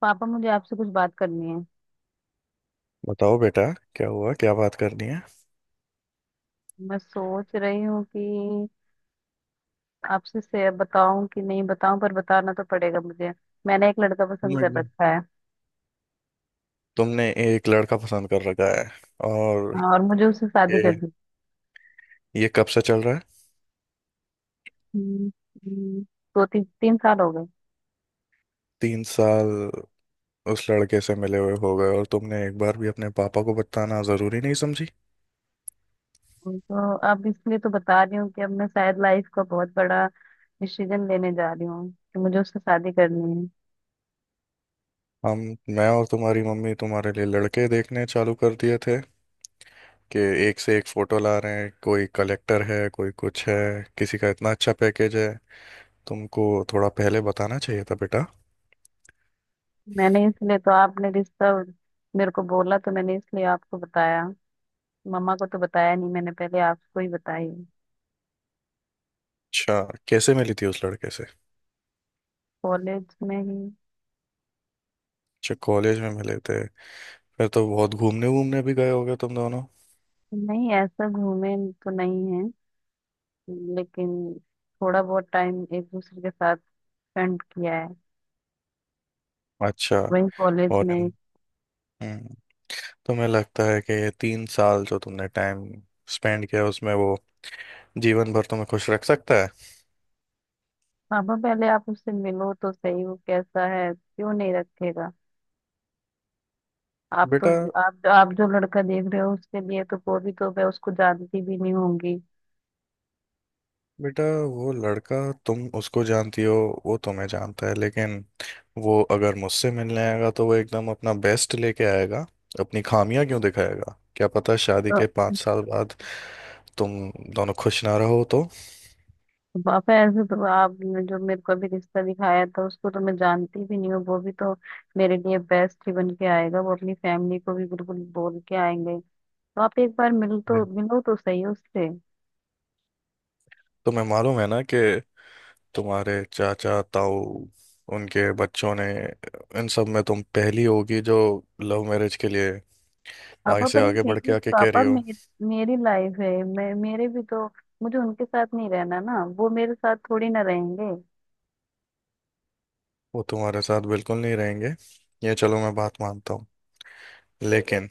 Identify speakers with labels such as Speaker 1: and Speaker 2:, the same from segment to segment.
Speaker 1: पापा मुझे आपसे कुछ बात करनी है।
Speaker 2: बताओ बेटा। क्या हुआ, क्या बात करनी है।
Speaker 1: मैं सोच रही हूँ कि आपसे से बताऊं कि नहीं बताऊं, पर बताना तो पड़ेगा मुझे। मैंने एक लड़का पसंद
Speaker 2: हूँ,
Speaker 1: कर
Speaker 2: एकदम।
Speaker 1: रखा है।
Speaker 2: तुमने एक लड़का पसंद कर रखा है। और
Speaker 1: हाँ, और मुझे उससे शादी
Speaker 2: ये
Speaker 1: करनी है।
Speaker 2: ये कब से चल रहा है।
Speaker 1: हम्म, दो तीन तीन साल हो गए।
Speaker 2: तीन साल उस लड़के से मिले हुए हो गए और तुमने एक बार भी अपने पापा को बताना जरूरी नहीं समझी।
Speaker 1: तो अब इसलिए तो बता रही हूँ कि अब मैं शायद लाइफ का बहुत बड़ा डिसीजन लेने जा रही हूँ कि मुझे उससे शादी करनी है।
Speaker 2: हम। मैं और तुम्हारी मम्मी तुम्हारे लिए लड़के देखने चालू कर दिए थे कि एक से एक फोटो ला रहे हैं, कोई कलेक्टर है, कोई कुछ है, किसी का इतना अच्छा पैकेज है। तुमको थोड़ा पहले बताना चाहिए था बेटा।
Speaker 1: मैंने इसलिए तो आपने रिश्ता मेरे को बोला तो मैंने इसलिए आपको बताया। मम्मा को तो बताया नहीं, मैंने पहले आपको ही बताई।
Speaker 2: अच्छा, कैसे मिली थी उस लड़के से।
Speaker 1: कॉलेज में ही।
Speaker 2: अच्छा, कॉलेज में मिले थे। फिर तो बहुत घूमने वूमने भी गए होगे तुम दोनों।
Speaker 1: नहीं, ऐसा घूमे तो नहीं है, लेकिन थोड़ा बहुत टाइम एक दूसरे के साथ स्पेंड किया है।
Speaker 2: अच्छा।
Speaker 1: वही कॉलेज में
Speaker 2: फॉरेन।
Speaker 1: ही।
Speaker 2: हम्म। तुम्हें लगता है कि ये तीन साल जो तुमने टाइम स्पेंड किया उसमें वो जीवन भर तुम्हें खुश रख सकता है।
Speaker 1: पापा पहले आप उससे मिलो तो सही, वो कैसा है, क्यों नहीं रखेगा। आप तो
Speaker 2: बेटा।
Speaker 1: आप जो लड़का देख रहे हो उसके लिए तो वो भी तो मैं उसको जानती भी नहीं होंगी।
Speaker 2: बेटा वो लड़का, तुम उसको जानती हो, वो तुम्हें जानता है, लेकिन वो अगर मुझसे मिलने आएगा तो वो एकदम अपना बेस्ट लेके आएगा। अपनी खामियां क्यों दिखाएगा। क्या पता शादी
Speaker 1: तो
Speaker 2: के 5 साल बाद तुम दोनों खुश ना रहो तो।
Speaker 1: पापा ऐसे तो आपने जो मेरे को अभी रिश्ता दिखाया था उसको तो मैं जानती भी नहीं हूँ, वो भी तो मेरे लिए बेस्ट ही बन के आएगा, वो अपनी फैमिली को भी बिल्कुल बोल के आएंगे। तो आप एक बार
Speaker 2: जी।
Speaker 1: मिलो तो सही उससे।
Speaker 2: तुम्हें मालूम है ना कि तुम्हारे चाचा ताऊ, उनके बच्चों ने, इन सब में तुम पहली होगी जो लव मैरिज के लिए आगे
Speaker 1: पापा
Speaker 2: से
Speaker 1: पर ये
Speaker 2: आगे बढ़ के आके कह रही हो।
Speaker 1: मेरी मेरी लाइफ है। मैं मेरे भी तो मुझे उनके साथ नहीं रहना ना, वो मेरे साथ थोड़ी ना रहेंगे।
Speaker 2: वो तुम्हारे साथ बिल्कुल नहीं रहेंगे। ये चलो मैं बात मानता हूँ, लेकिन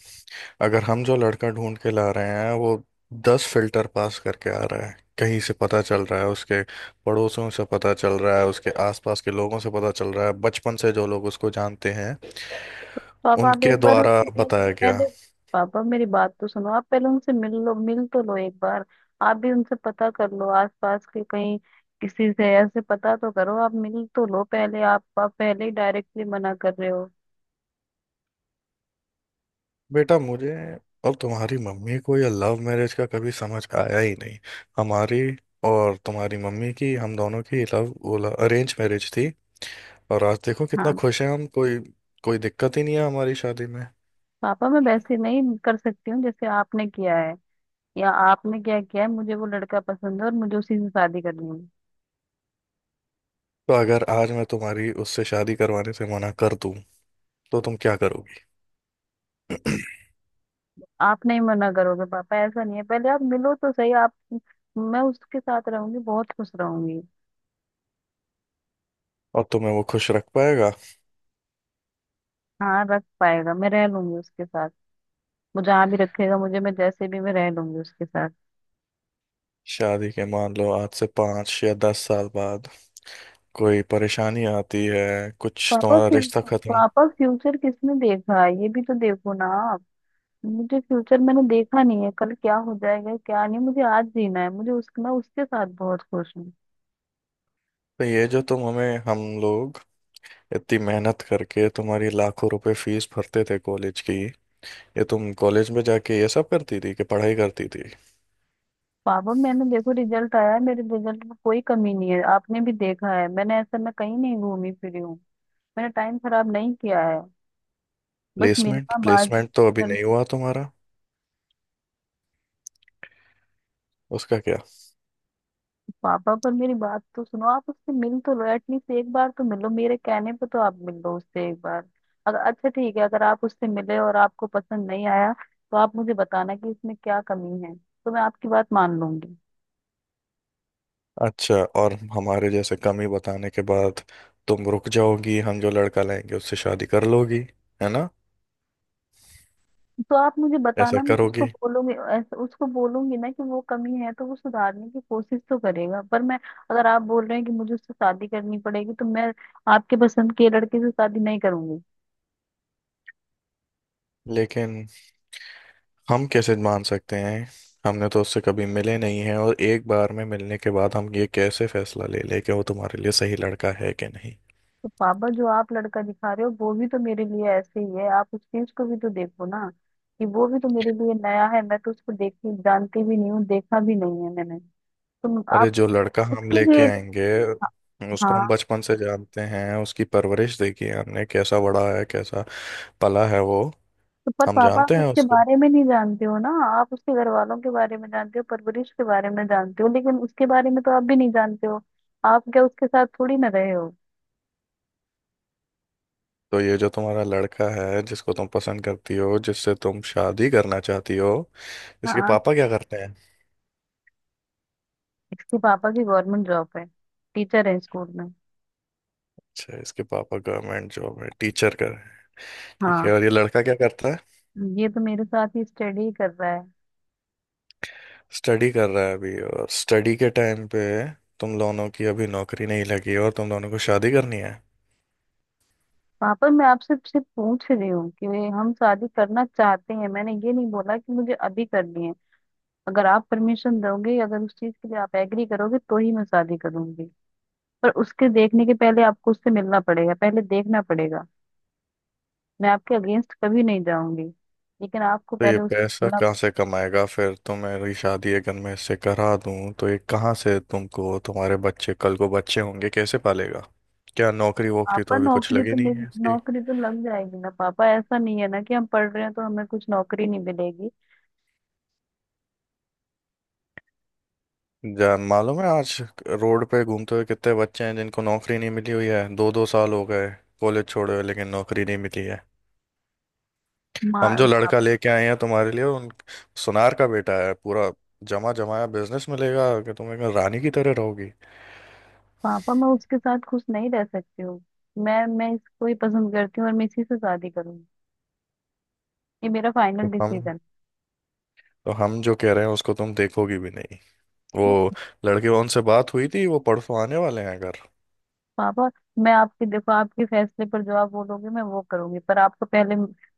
Speaker 2: अगर हम जो लड़का ढूंढ के ला रहे हैं वो 10 फिल्टर पास करके आ रहा है। कहीं से पता चल रहा है, उसके पड़ोसियों से पता चल रहा है, उसके आसपास के लोगों से पता चल रहा है, बचपन से जो लोग उसको जानते हैं
Speaker 1: पापा आप एक
Speaker 2: उनके
Speaker 1: बार
Speaker 2: द्वारा
Speaker 1: उससे पहले
Speaker 2: बताया गया।
Speaker 1: पहले पापा मेरी बात तो सुनो, आप पहले उनसे मिल लो, मिल तो लो एक बार। आप भी उनसे पता कर लो, आसपास के कहीं किसी से ऐसे पता तो करो, आप मिल तो लो पहले। आप पहले ही डायरेक्टली मना कर रहे हो।
Speaker 2: बेटा, मुझे और तुम्हारी मम्मी को यह लव मैरिज का कभी समझ आया ही नहीं। हमारी और तुम्हारी मम्मी की, हम दोनों की लव, वो अरेंज मैरिज थी। और आज देखो कितना
Speaker 1: हाँ,
Speaker 2: खुश हैं हम। कोई कोई दिक्कत ही नहीं है हमारी शादी में।
Speaker 1: पापा मैं वैसे नहीं कर सकती हूँ जैसे आपने किया है, या आपने क्या किया है। मुझे वो लड़का पसंद है और मुझे उसी से शादी करनी है।
Speaker 2: तो अगर आज मैं तुम्हारी उससे शादी करवाने से मना कर दूं तो तुम क्या करोगी।
Speaker 1: आप नहीं मना करोगे पापा, ऐसा नहीं है, पहले आप मिलो तो सही आप। मैं उसके साथ रहूंगी, बहुत खुश रहूंगी।
Speaker 2: और तुम्हें वो खुश रख पाएगा।
Speaker 1: हाँ रख पाएगा, मैं रह लूंगी उसके साथ। वो जहाँ भी रखेगा मुझे, मैं जैसे भी मैं रह लूंगी उसके साथ।
Speaker 2: शादी के मान लो आज से 5 या 10 साल बाद कोई परेशानी आती है, कुछ
Speaker 1: पापा
Speaker 2: तुम्हारा
Speaker 1: फ्यू,
Speaker 2: रिश्ता खत्म।
Speaker 1: पापा फ्यूचर किसने देखा है? ये भी तो देखो ना आप। मुझे फ्यूचर मैंने देखा नहीं है, कल क्या हो जाएगा क्या नहीं, मुझे आज जीना है, मुझे उस मैं उसके साथ बहुत खुश हूँ।
Speaker 2: तो ये जो तुम हमें, हम लोग इतनी मेहनत करके तुम्हारी लाखों रुपए फीस भरते थे कॉलेज की, ये तुम कॉलेज में जाके ये सब करती थी कि पढ़ाई करती थी।
Speaker 1: पापा मैंने देखो रिजल्ट आया है, मेरे रिजल्ट में कोई कमी नहीं है, आपने भी देखा है, मैंने ऐसा मैं कहीं नहीं घूमी फिरी हूँ, मैंने टाइम खराब नहीं किया है। बस
Speaker 2: प्लेसमेंट
Speaker 1: मिलना बात
Speaker 2: प्लेसमेंट तो अभी
Speaker 1: कर।
Speaker 2: नहीं हुआ तुम्हारा। उसका क्या।
Speaker 1: पापा पर मेरी बात तो सुनो, आप उससे मिल तो लो, एटलीस्ट एक बार तो मिलो, मेरे कहने पे तो आप मिल लो उससे एक बार। अगर अच्छा ठीक है, अगर आप उससे मिले और आपको पसंद नहीं आया तो आप मुझे बताना कि इसमें क्या कमी है, तो मैं आपकी बात मान लूंगी।
Speaker 2: अच्छा, और हमारे जैसे कमी बताने के बाद तुम रुक जाओगी। हम जो लड़का लाएंगे उससे शादी कर लोगी, है ना।
Speaker 1: तो आप मुझे
Speaker 2: ऐसा
Speaker 1: बताना, मैं उसको
Speaker 2: करोगी।
Speaker 1: बोलूंगी, ऐसे उसको बोलूंगी ना कि वो कमी है, तो वो सुधारने की कोशिश तो करेगा। पर मैं अगर आप बोल रहे हैं कि मुझे उससे शादी करनी पड़ेगी, तो मैं आपके पसंद के लड़के से शादी नहीं करूंगी।
Speaker 2: लेकिन हम कैसे मान सकते हैं। हमने तो उससे कभी मिले नहीं हैं और एक बार में मिलने के बाद हम ये कैसे फैसला ले लें कि वो तुम्हारे लिए सही लड़का है कि नहीं।
Speaker 1: तो पापा जो आप लड़का दिखा रहे हो, वो भी तो मेरे लिए ऐसे ही है, आप उस चीज को भी तो देखो ना कि वो भी तो मेरे लिए नया है, मैं तो उसको देखती जानती भी नहीं हूँ, देखा भी नहीं है मैंने। तो
Speaker 2: अरे
Speaker 1: आप
Speaker 2: जो लड़का हम
Speaker 1: उसके
Speaker 2: लेके
Speaker 1: लिए।
Speaker 2: आएंगे उसको हम
Speaker 1: हाँ।
Speaker 2: बचपन से जानते हैं, उसकी परवरिश देखी है हमने, कैसा बड़ा है, कैसा पला है वो।
Speaker 1: तो पर
Speaker 2: हम
Speaker 1: पापा आप
Speaker 2: जानते हैं
Speaker 1: उसके
Speaker 2: उसको।
Speaker 1: बारे में नहीं जानते हो ना, आप उसके घर वालों के बारे में जानते हो, परवरिश के बारे में जानते हो, लेकिन उसके बारे में तो आप भी नहीं जानते हो। आप क्या उसके साथ थोड़ी ना रहे हो।
Speaker 2: तो ये जो तुम्हारा लड़का है, जिसको तुम पसंद करती हो, जिससे तुम शादी करना चाहती हो, इसके
Speaker 1: हाँ,
Speaker 2: पापा क्या करते हैं।
Speaker 1: इसके पापा की गवर्नमेंट जॉब है, टीचर है स्कूल में।
Speaker 2: अच्छा, इसके पापा गवर्नमेंट जॉब में टीचर कर, ठीक है।
Speaker 1: हाँ,
Speaker 2: और ये लड़का क्या करता है।
Speaker 1: ये तो मेरे साथ ही स्टडी कर रहा है।
Speaker 2: स्टडी कर रहा है अभी। और स्टडी के टाइम पे तुम दोनों की अभी नौकरी नहीं लगी और तुम दोनों को शादी करनी है।
Speaker 1: पापा मैं आपसे सिर्फ पूछ रही हूँ कि हम शादी करना चाहते हैं, मैंने ये नहीं बोला कि मुझे अभी करनी है। अगर आप परमिशन दोगे, अगर उस चीज के लिए आप एग्री करोगे तो ही मैं शादी करूंगी। पर उसके देखने के पहले आपको उससे मिलना पड़ेगा, पहले देखना पड़ेगा। मैं आपके अगेंस्ट कभी नहीं जाऊंगी, लेकिन आपको
Speaker 2: तो ये
Speaker 1: पहले उस
Speaker 2: पैसा
Speaker 1: मतलब।
Speaker 2: कहाँ से कमाएगा। फिर तो मेरी शादी अगर मैं इससे करा दूं तो ये कहाँ से तुमको, तुम्हारे बच्चे कल को बच्चे होंगे, कैसे पालेगा। क्या नौकरी वोकरी
Speaker 1: पापा
Speaker 2: तो अभी कुछ लगी नहीं है इसकी।
Speaker 1: नौकरी तो लग जाएगी ना पापा, ऐसा नहीं है ना कि हम पढ़ रहे हैं तो हमें कुछ नौकरी नहीं मिलेगी।
Speaker 2: जान, मालूम है आज रोड पे घूमते हुए कितने बच्चे हैं जिनको नौकरी नहीं मिली हुई है। 2-2 साल हो गए कॉलेज छोड़े हुए लेकिन नौकरी नहीं मिली है।
Speaker 1: माँ
Speaker 2: हम जो
Speaker 1: पा,
Speaker 2: लड़का लेके आए हैं तुम्हारे लिए, उन सुनार का बेटा है, पूरा जमा जमाया बिजनेस मिलेगा कि तुम एकदम रानी की तरह रहोगी।
Speaker 1: पापा मैं उसके साथ खुश नहीं रह सकती हूँ। मैं इसको ही पसंद करती हूँ और मैं इसी से शादी करूंगी। ये मेरा फाइनल
Speaker 2: तो हम
Speaker 1: डिसीजन।
Speaker 2: तो हम जो कह रहे हैं उसको तुम देखोगी भी नहीं। वो लड़के, उनसे बात हुई थी, वो परसों आने वाले हैं घर।
Speaker 1: पापा मैं आपके देखो आपके फैसले पर जो आप बोलोगे मैं वो करूंगी, पर आपको पहले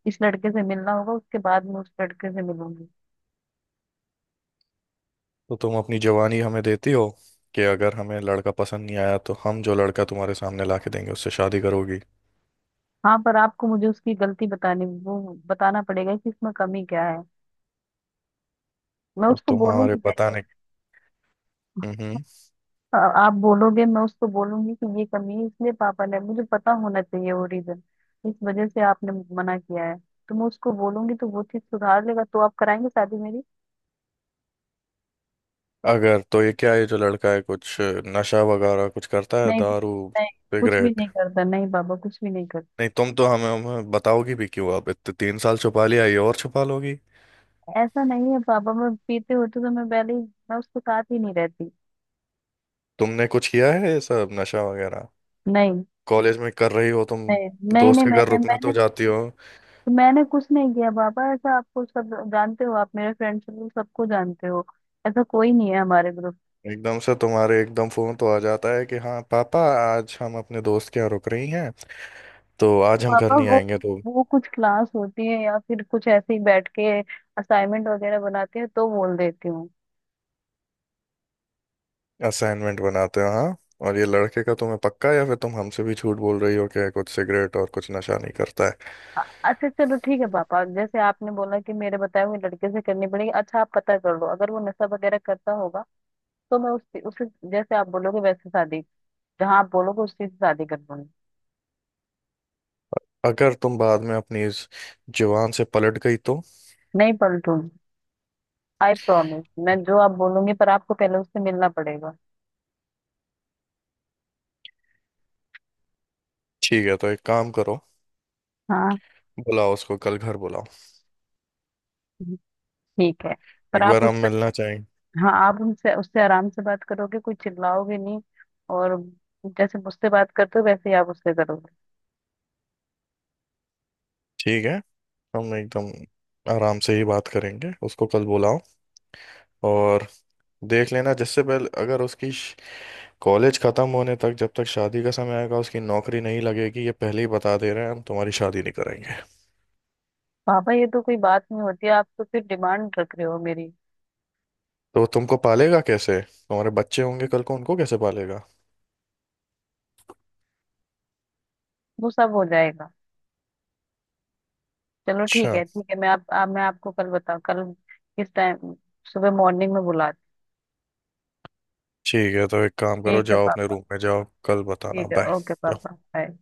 Speaker 1: इस लड़के से मिलना होगा, उसके बाद मैं उस लड़के से मिलूंगी।
Speaker 2: तो तुम अपनी जवानी हमें देती हो कि अगर हमें लड़का पसंद नहीं आया तो हम जो लड़का तुम्हारे सामने ला के देंगे उससे शादी करोगी।
Speaker 1: हाँ पर आपको मुझे उसकी गलती बतानी वो बताना पड़ेगा कि इसमें कमी क्या है, मैं
Speaker 2: और
Speaker 1: उसको
Speaker 2: तुम हमारे
Speaker 1: बोलूंगी पहले।
Speaker 2: बताने। हम्म।
Speaker 1: आ- आप बोलोगे मैं उसको बोलूंगी कि ये कमी है, इसलिए पापा ने, मुझे पता होना चाहिए वो रीजन, इस वजह से आपने मना किया है। तो मैं उसको बोलूंगी तो वो चीज सुधार लेगा, तो आप कराएंगे शादी मेरी।
Speaker 2: अगर तो ये क्या है, जो लड़का है कुछ नशा वगैरह कुछ करता है।
Speaker 1: नहीं।
Speaker 2: दारू,
Speaker 1: नहीं, कुछ भी
Speaker 2: सिगरेट।
Speaker 1: नहीं करता, नहीं पापा कुछ भी नहीं करता।
Speaker 2: नहीं तुम तो हमें बताओगी भी क्यों। अब इतने 3 साल छुपा लिया, ये और छुपा लोगी।
Speaker 1: ऐसा नहीं है पापा, मैं पीते होते तो मैं पहले ही मैं उसके साथ ही नहीं रहती।
Speaker 2: तुमने कुछ किया है ये सब नशा वगैरह।
Speaker 1: नहीं।
Speaker 2: कॉलेज में कर रही हो तुम।
Speaker 1: नहीं नहीं
Speaker 2: दोस्त
Speaker 1: नहीं
Speaker 2: के घर
Speaker 1: मैंने
Speaker 2: रुकने
Speaker 1: मैंने
Speaker 2: तो जाती हो।
Speaker 1: मैंने कुछ नहीं किया पापा, ऐसा आपको सब जानते हो, आप मेरे फ्रेंड्स सबको जानते हो, ऐसा कोई नहीं है हमारे ग्रुप।
Speaker 2: एकदम से तुम्हारे एकदम फोन तो आ जाता है कि हाँ पापा, आज हम अपने दोस्त के यहाँ रुक रही हैं, तो आज हम घर
Speaker 1: पापा
Speaker 2: नहीं
Speaker 1: वो
Speaker 2: आएंगे तो।
Speaker 1: वो कुछ क्लास होती है या फिर कुछ ऐसे ही बैठ के असाइनमेंट वगैरह बनाती है तो बोल देती हूँ।
Speaker 2: असाइनमेंट बनाते हैं हाँ। और ये लड़के का तुम्हें पक्का है या फिर तुम हमसे भी झूठ बोल रही हो कि कुछ सिगरेट और कुछ नशा नहीं करता है।
Speaker 1: अच्छा चलो ठीक है पापा, जैसे आपने बोला कि मेरे बताए हुए लड़के से करनी पड़ेगी, अच्छा आप पता कर लो, अगर वो नशा वगैरह करता होगा तो मैं उससे उसे जैसे आप बोलोगे वैसे शादी, जहाँ आप बोलोगे उसकी शादी कर लूंगी।
Speaker 2: अगर तुम बाद में अपनी इस जुबान से पलट गई तो।
Speaker 1: नहीं पलटूंगी, आई प्रॉमिस, मैं जो आप बोलूंगी, पर आपको पहले उससे मिलना पड़ेगा।
Speaker 2: ठीक है, तो एक काम करो,
Speaker 1: हाँ,
Speaker 2: बुलाओ उसको, कल घर बुलाओ।
Speaker 1: ठीक है, पर
Speaker 2: एक
Speaker 1: आप
Speaker 2: बार
Speaker 1: उस
Speaker 2: हम
Speaker 1: पर।
Speaker 2: मिलना चाहेंगे।
Speaker 1: हाँ आप उनसे उससे आराम से बात करोगे, कोई चिल्लाओगे नहीं, और जैसे मुझसे बात करते हो वैसे ही आप उससे करोगे।
Speaker 2: ठीक है, हम एकदम आराम से ही बात करेंगे उसको। कल बुलाओ। और देख लेना, जिससे पहले अगर उसकी कॉलेज खत्म होने तक जब तक शादी का समय आएगा उसकी नौकरी नहीं लगेगी, ये पहले ही बता दे रहे हैं, हम तुम्हारी शादी नहीं कराएंगे।
Speaker 1: पापा ये तो कोई बात नहीं होती, आप तो फिर डिमांड रख रहे हो मेरी।
Speaker 2: तो वो तुमको पालेगा कैसे। तुम्हारे बच्चे होंगे कल को, उनको कैसे पालेगा।
Speaker 1: वो सब हो जाएगा। चलो ठीक
Speaker 2: अच्छा,
Speaker 1: है ठीक है, मैं आप मैं आपको कल बताऊँ। कल किस टाइम, सुबह मॉर्निंग में बुलाती
Speaker 2: ठीक है, तो एक काम
Speaker 1: हूँ।
Speaker 2: करो,
Speaker 1: ठीक है
Speaker 2: जाओ अपने
Speaker 1: पापा।
Speaker 2: रूम में जाओ, कल बताना।
Speaker 1: ठीक है ओके
Speaker 2: बाय।
Speaker 1: पापा, बाय।